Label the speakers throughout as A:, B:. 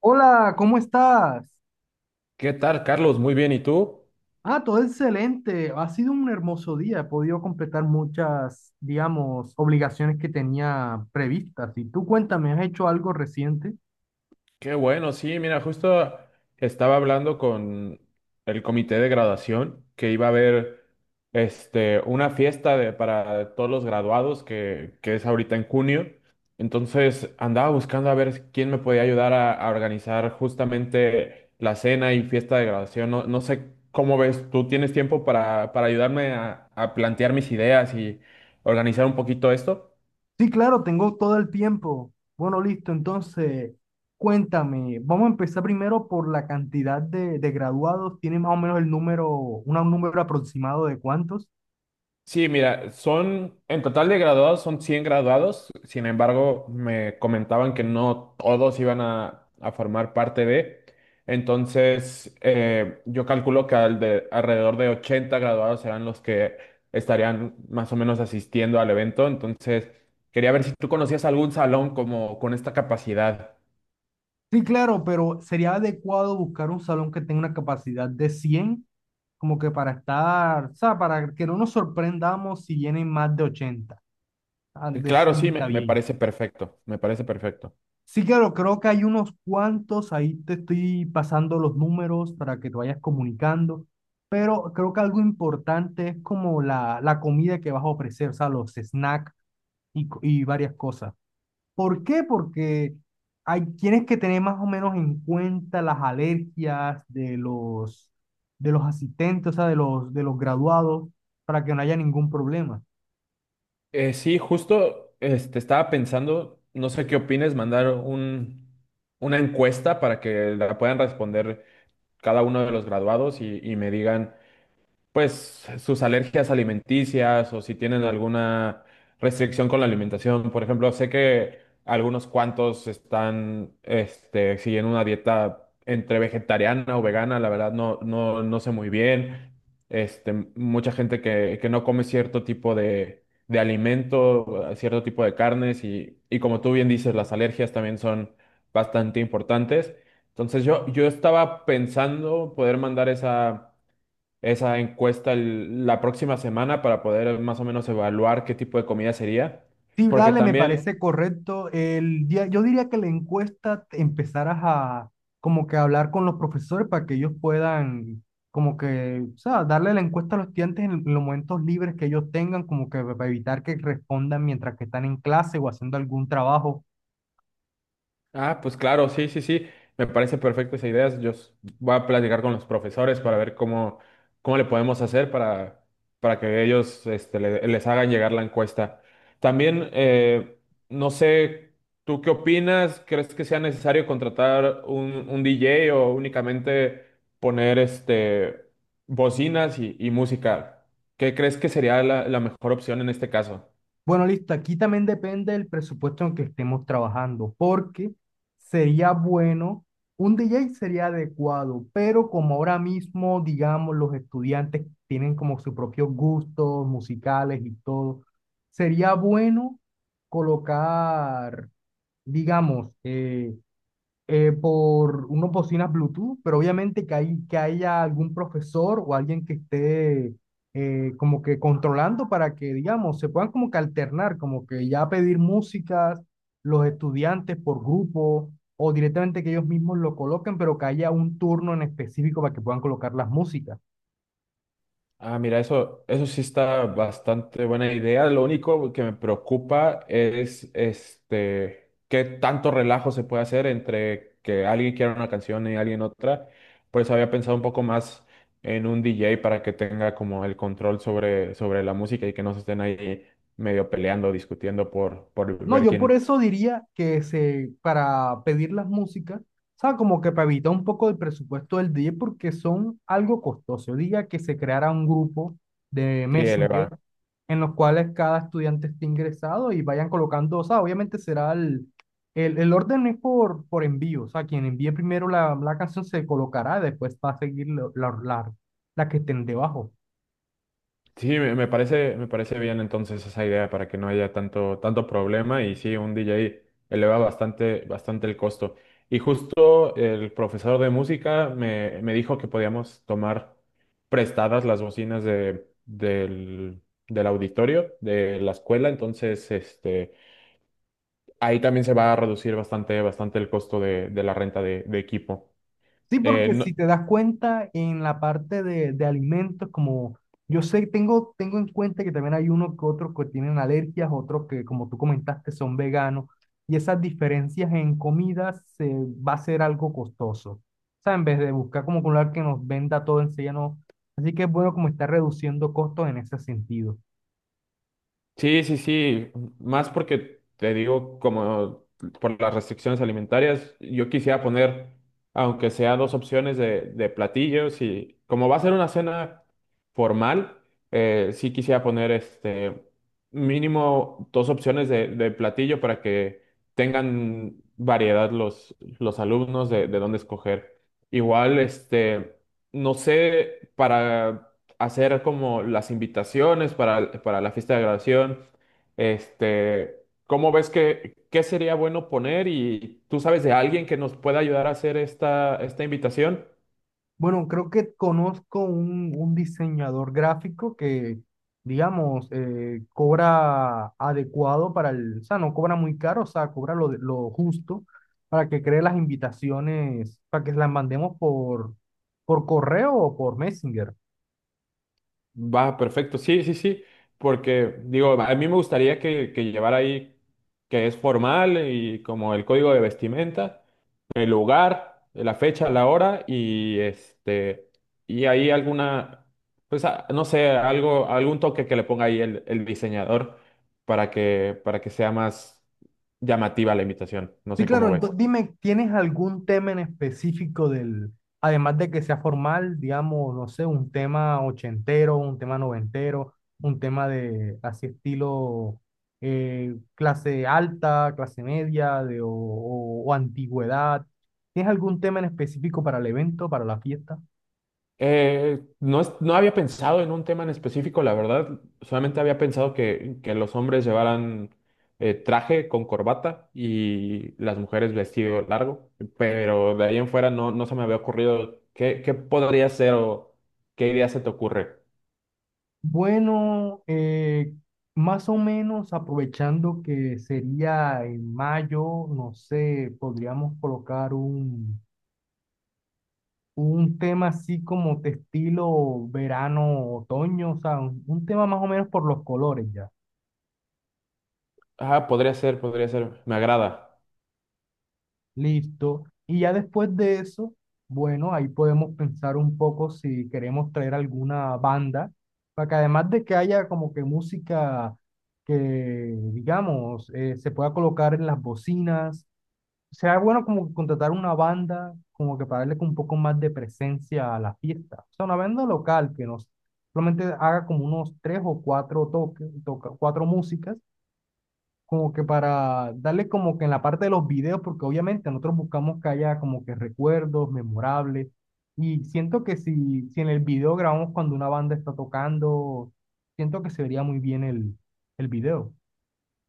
A: Hola, ¿cómo estás?
B: ¿Qué tal, Carlos? Muy bien, ¿y tú?
A: Ah, todo excelente. Ha sido un hermoso día. He podido completar muchas, digamos, obligaciones que tenía previstas. Y tú cuéntame, ¿has hecho algo reciente?
B: Qué bueno, sí, mira, justo estaba hablando con el comité de graduación que iba a haber una fiesta para todos los graduados que es ahorita en junio. Entonces andaba buscando a ver quién me podía ayudar a organizar justamente la cena y fiesta de graduación. No sé cómo ves, ¿tú tienes tiempo para ayudarme a plantear mis ideas y organizar un poquito esto?
A: Sí, claro, tengo todo el tiempo. Bueno, listo. Entonces, cuéntame. Vamos a empezar primero por la cantidad de graduados. ¿Tiene más o menos el número, un número aproximado de cuántos?
B: Sí, mira, son, en total de graduados son 100 graduados, sin embargo, me comentaban que no todos iban a formar parte de, entonces yo calculo que alrededor de 80 graduados serán los que estarían más o menos asistiendo al evento, entonces quería ver si tú conocías algún salón como con esta capacidad.
A: Sí, claro, pero sería adecuado buscar un salón que tenga una capacidad de cien, como que para estar, o sea, para que no nos sorprendamos si vienen más de ochenta. Ah,
B: Y
A: de
B: claro, sí,
A: 100 está
B: me
A: bien.
B: parece perfecto, me parece perfecto.
A: Sí, claro, creo que hay unos cuantos, ahí te estoy pasando los números para que te vayas comunicando, pero creo que algo importante es como la comida que vas a ofrecer, o sea, los snacks y, y varias cosas. ¿Por qué? Porque hay, tienes que tener más o menos en cuenta las alergias de los asistentes, o sea, de los graduados, para que no haya ningún problema.
B: Sí, justo estaba pensando, no sé qué opines, mandar una encuesta para que la puedan responder cada uno de los graduados y me digan pues sus alergias alimenticias o si tienen alguna restricción con la alimentación. Por ejemplo, sé que algunos cuantos están siguiendo una dieta entre vegetariana o vegana, la verdad no sé muy bien. Mucha gente que no come cierto tipo de alimento, cierto tipo de carnes y como tú bien dices, las alergias también son bastante importantes. Entonces yo estaba pensando poder mandar esa encuesta la próxima semana para poder más o menos evaluar qué tipo de comida sería,
A: Sí,
B: porque
A: dale, me
B: también.
A: parece correcto. El, yo diría que la encuesta empezaras a como que hablar con los profesores para que ellos puedan como que, o sea, darle la encuesta a los estudiantes en los momentos libres que ellos tengan, como que para evitar que respondan mientras que están en clase o haciendo algún trabajo.
B: Ah, pues claro, sí, sí, sí. Me parece perfecto esa idea. Voy a platicar con los profesores para ver cómo, cómo le podemos hacer para que ellos les hagan llegar la encuesta. También, no sé, ¿tú qué opinas? ¿Crees que sea necesario contratar un DJ o únicamente poner bocinas y música? ¿Qué crees que sería la mejor opción en este caso?
A: Bueno, listo. Aquí también depende del presupuesto en el que estemos trabajando, porque sería bueno, un DJ sería adecuado, pero como ahora mismo, digamos, los estudiantes tienen como sus propios gustos musicales y todo, sería bueno colocar, digamos, por unas bocinas Bluetooth, pero obviamente que, hay, que haya algún profesor o alguien que esté como que controlando para que, digamos, se puedan como que alternar, como que ya pedir músicas los estudiantes por grupo o directamente que ellos mismos lo coloquen, pero que haya un turno en específico para que puedan colocar las músicas.
B: Ah, mira, eso sí está bastante buena idea. Lo único que me preocupa es qué tanto relajo se puede hacer entre que alguien quiera una canción y alguien otra. Por eso había pensado un poco más en un DJ para que tenga como el control sobre, sobre la música y que no se estén ahí medio peleando, discutiendo por
A: No,
B: ver
A: yo por
B: quién
A: eso diría que se, para pedir las músicas, ¿sabes? Como que para evitar un poco el presupuesto del DJ porque son algo costoso. Yo diría que se creara un grupo de
B: sí,
A: Messenger
B: eleva.
A: en los cuales cada estudiante esté ingresado y vayan colocando, o sea, obviamente será el orden es por envío, o sea, quien envíe primero la, la canción se colocará, después va a seguir la, la, la que estén debajo.
B: Sí, me parece bien entonces esa idea para que no haya tanto, tanto problema y sí, un DJ eleva bastante, bastante el costo. Y justo el profesor de música me dijo que podíamos tomar prestadas las bocinas del auditorio de la escuela, entonces ahí también se va a reducir bastante, bastante el costo de la renta de equipo.
A: Sí,
B: Eh,
A: porque si
B: no-
A: te das cuenta en la parte de alimentos, como yo sé, tengo, tengo en cuenta que también hay unos que otros que tienen alergias, otros que, como tú comentaste, son veganos, y esas diferencias en comidas se, va a ser algo costoso. O sea, en vez de buscar como un lugar que nos venda todo enseguida, no. Así que es bueno como está reduciendo costos en ese sentido.
B: Sí, sí, sí, más porque te digo, como por las restricciones alimentarias, yo quisiera poner, aunque sea dos opciones de platillos y como va a ser una cena formal, sí quisiera poner mínimo dos opciones de platillo para que tengan variedad los alumnos de dónde escoger. Igual, no sé, para hacer como las invitaciones para la fiesta de graduación. Este, ¿Cómo ves que qué sería bueno poner? Y tú sabes de alguien que nos pueda ayudar a hacer esta, esta invitación.
A: Bueno, creo que conozco un diseñador gráfico que, digamos, cobra adecuado para el, o sea, no cobra muy caro, o sea, cobra lo, lo justo para que cree las invitaciones, para que las mandemos por correo o por Messenger.
B: Va, perfecto. Sí, sí, sí. Porque digo, a mí me gustaría que llevara ahí que es formal y como el código de vestimenta, el lugar, la fecha, la hora y este y ahí alguna no sé, algo algún toque que le ponga ahí el diseñador para que sea más llamativa la imitación. No
A: Sí,
B: sé
A: claro,
B: cómo ves.
A: dime, ¿tienes algún tema en específico del, además de que sea formal, digamos, no sé, un tema ochentero, un tema noventero, un tema de así estilo clase alta, clase media de, o antigüedad? ¿Tienes algún tema en específico para el evento, para la fiesta?
B: No había pensado en un tema en específico, la verdad. Solamente había pensado que los hombres llevaran traje con corbata y las mujeres vestido largo, pero de ahí en fuera no se me había ocurrido qué podría ser o qué idea se te ocurre.
A: Bueno, más o menos aprovechando que sería en mayo, no sé, podríamos colocar un tema así como de estilo verano, otoño, o sea, un tema más o menos por los colores ya.
B: Ah, podría ser, me agrada.
A: Listo. Y ya después de eso, bueno, ahí podemos pensar un poco si queremos traer alguna banda, para que además de que haya como que música que, digamos, se pueda colocar en las bocinas. Será bueno como contratar una banda, como que para darle como un poco más de presencia a la fiesta. O sea, una banda local que nos solamente haga como unos tres o cuatro toques, toca, cuatro músicas, como que para darle como que en la parte de los videos, porque obviamente nosotros buscamos que haya como que recuerdos memorables. Y siento que si, si en el video grabamos cuando una banda está tocando, siento que se vería muy bien el video.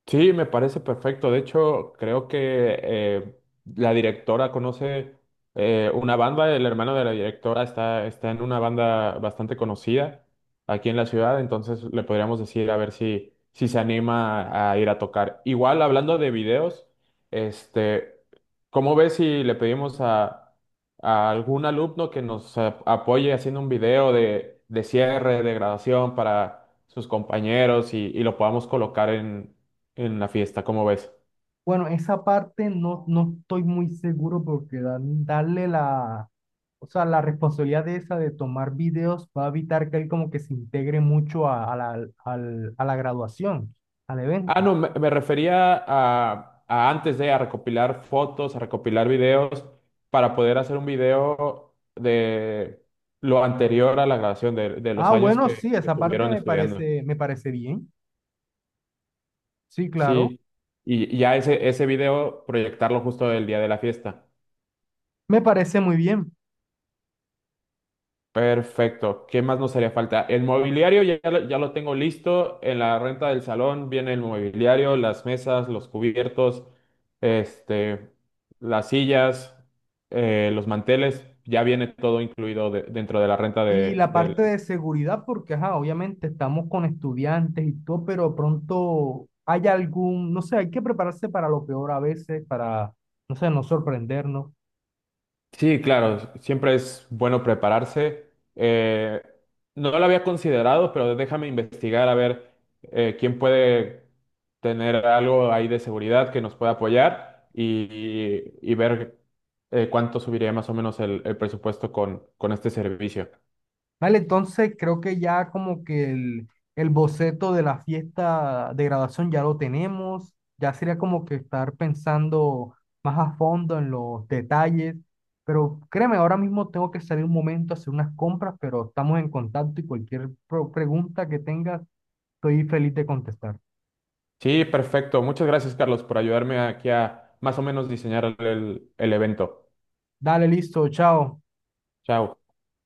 B: Sí, me parece perfecto. De hecho, creo que eh, la directora conoce una banda, el hermano de la directora está en una banda bastante conocida aquí en la ciudad, entonces le podríamos decir a ver si se anima a ir a tocar. Igual, hablando de videos, este, ¿cómo ves si le pedimos a algún alumno que nos apoye haciendo un video de cierre, de graduación para sus compañeros y lo podamos colocar en la fiesta, ¿cómo ves?
A: Bueno, esa parte no, no estoy muy seguro porque darle la, o sea, la responsabilidad de esa de tomar videos va a evitar que él como que se integre mucho a la, a la graduación, al
B: Ah,
A: evento.
B: no, me refería a antes de a recopilar fotos, a recopilar videos para poder hacer un video de lo anterior a la grabación, de los
A: Ah,
B: años
A: bueno, sí,
B: que
A: esa parte
B: tuvieron estudiando.
A: me parece bien. Sí, claro,
B: Sí, y ya ese video proyectarlo justo el día de la fiesta.
A: me parece muy bien.
B: Perfecto. ¿Qué más nos haría falta? El mobiliario ya, ya lo tengo listo. En la renta del salón viene el mobiliario, las mesas, los cubiertos, este, las sillas, los manteles. Ya viene todo incluido dentro de la renta
A: Y la
B: del.
A: parte de seguridad, porque, ajá, obviamente estamos con estudiantes y todo, pero pronto hay algún, no sé, hay que prepararse para lo peor a veces, para, no sé, no sorprendernos.
B: Sí, claro, siempre es bueno prepararse. Eh, no lo había considerado, pero déjame investigar a ver quién puede tener algo ahí de seguridad que nos pueda apoyar y ver cuánto subiría más o menos el presupuesto con este servicio.
A: Vale, entonces creo que ya como que el boceto de la fiesta de graduación ya lo tenemos, ya sería como que estar pensando más a fondo en los detalles, pero créeme, ahora mismo tengo que salir un momento a hacer unas compras, pero estamos en contacto y cualquier pregunta que tengas, estoy feliz de contestar.
B: Sí, perfecto. Muchas gracias, Carlos, por ayudarme aquí a más o menos diseñar el evento.
A: Dale, listo, chao.
B: Chao.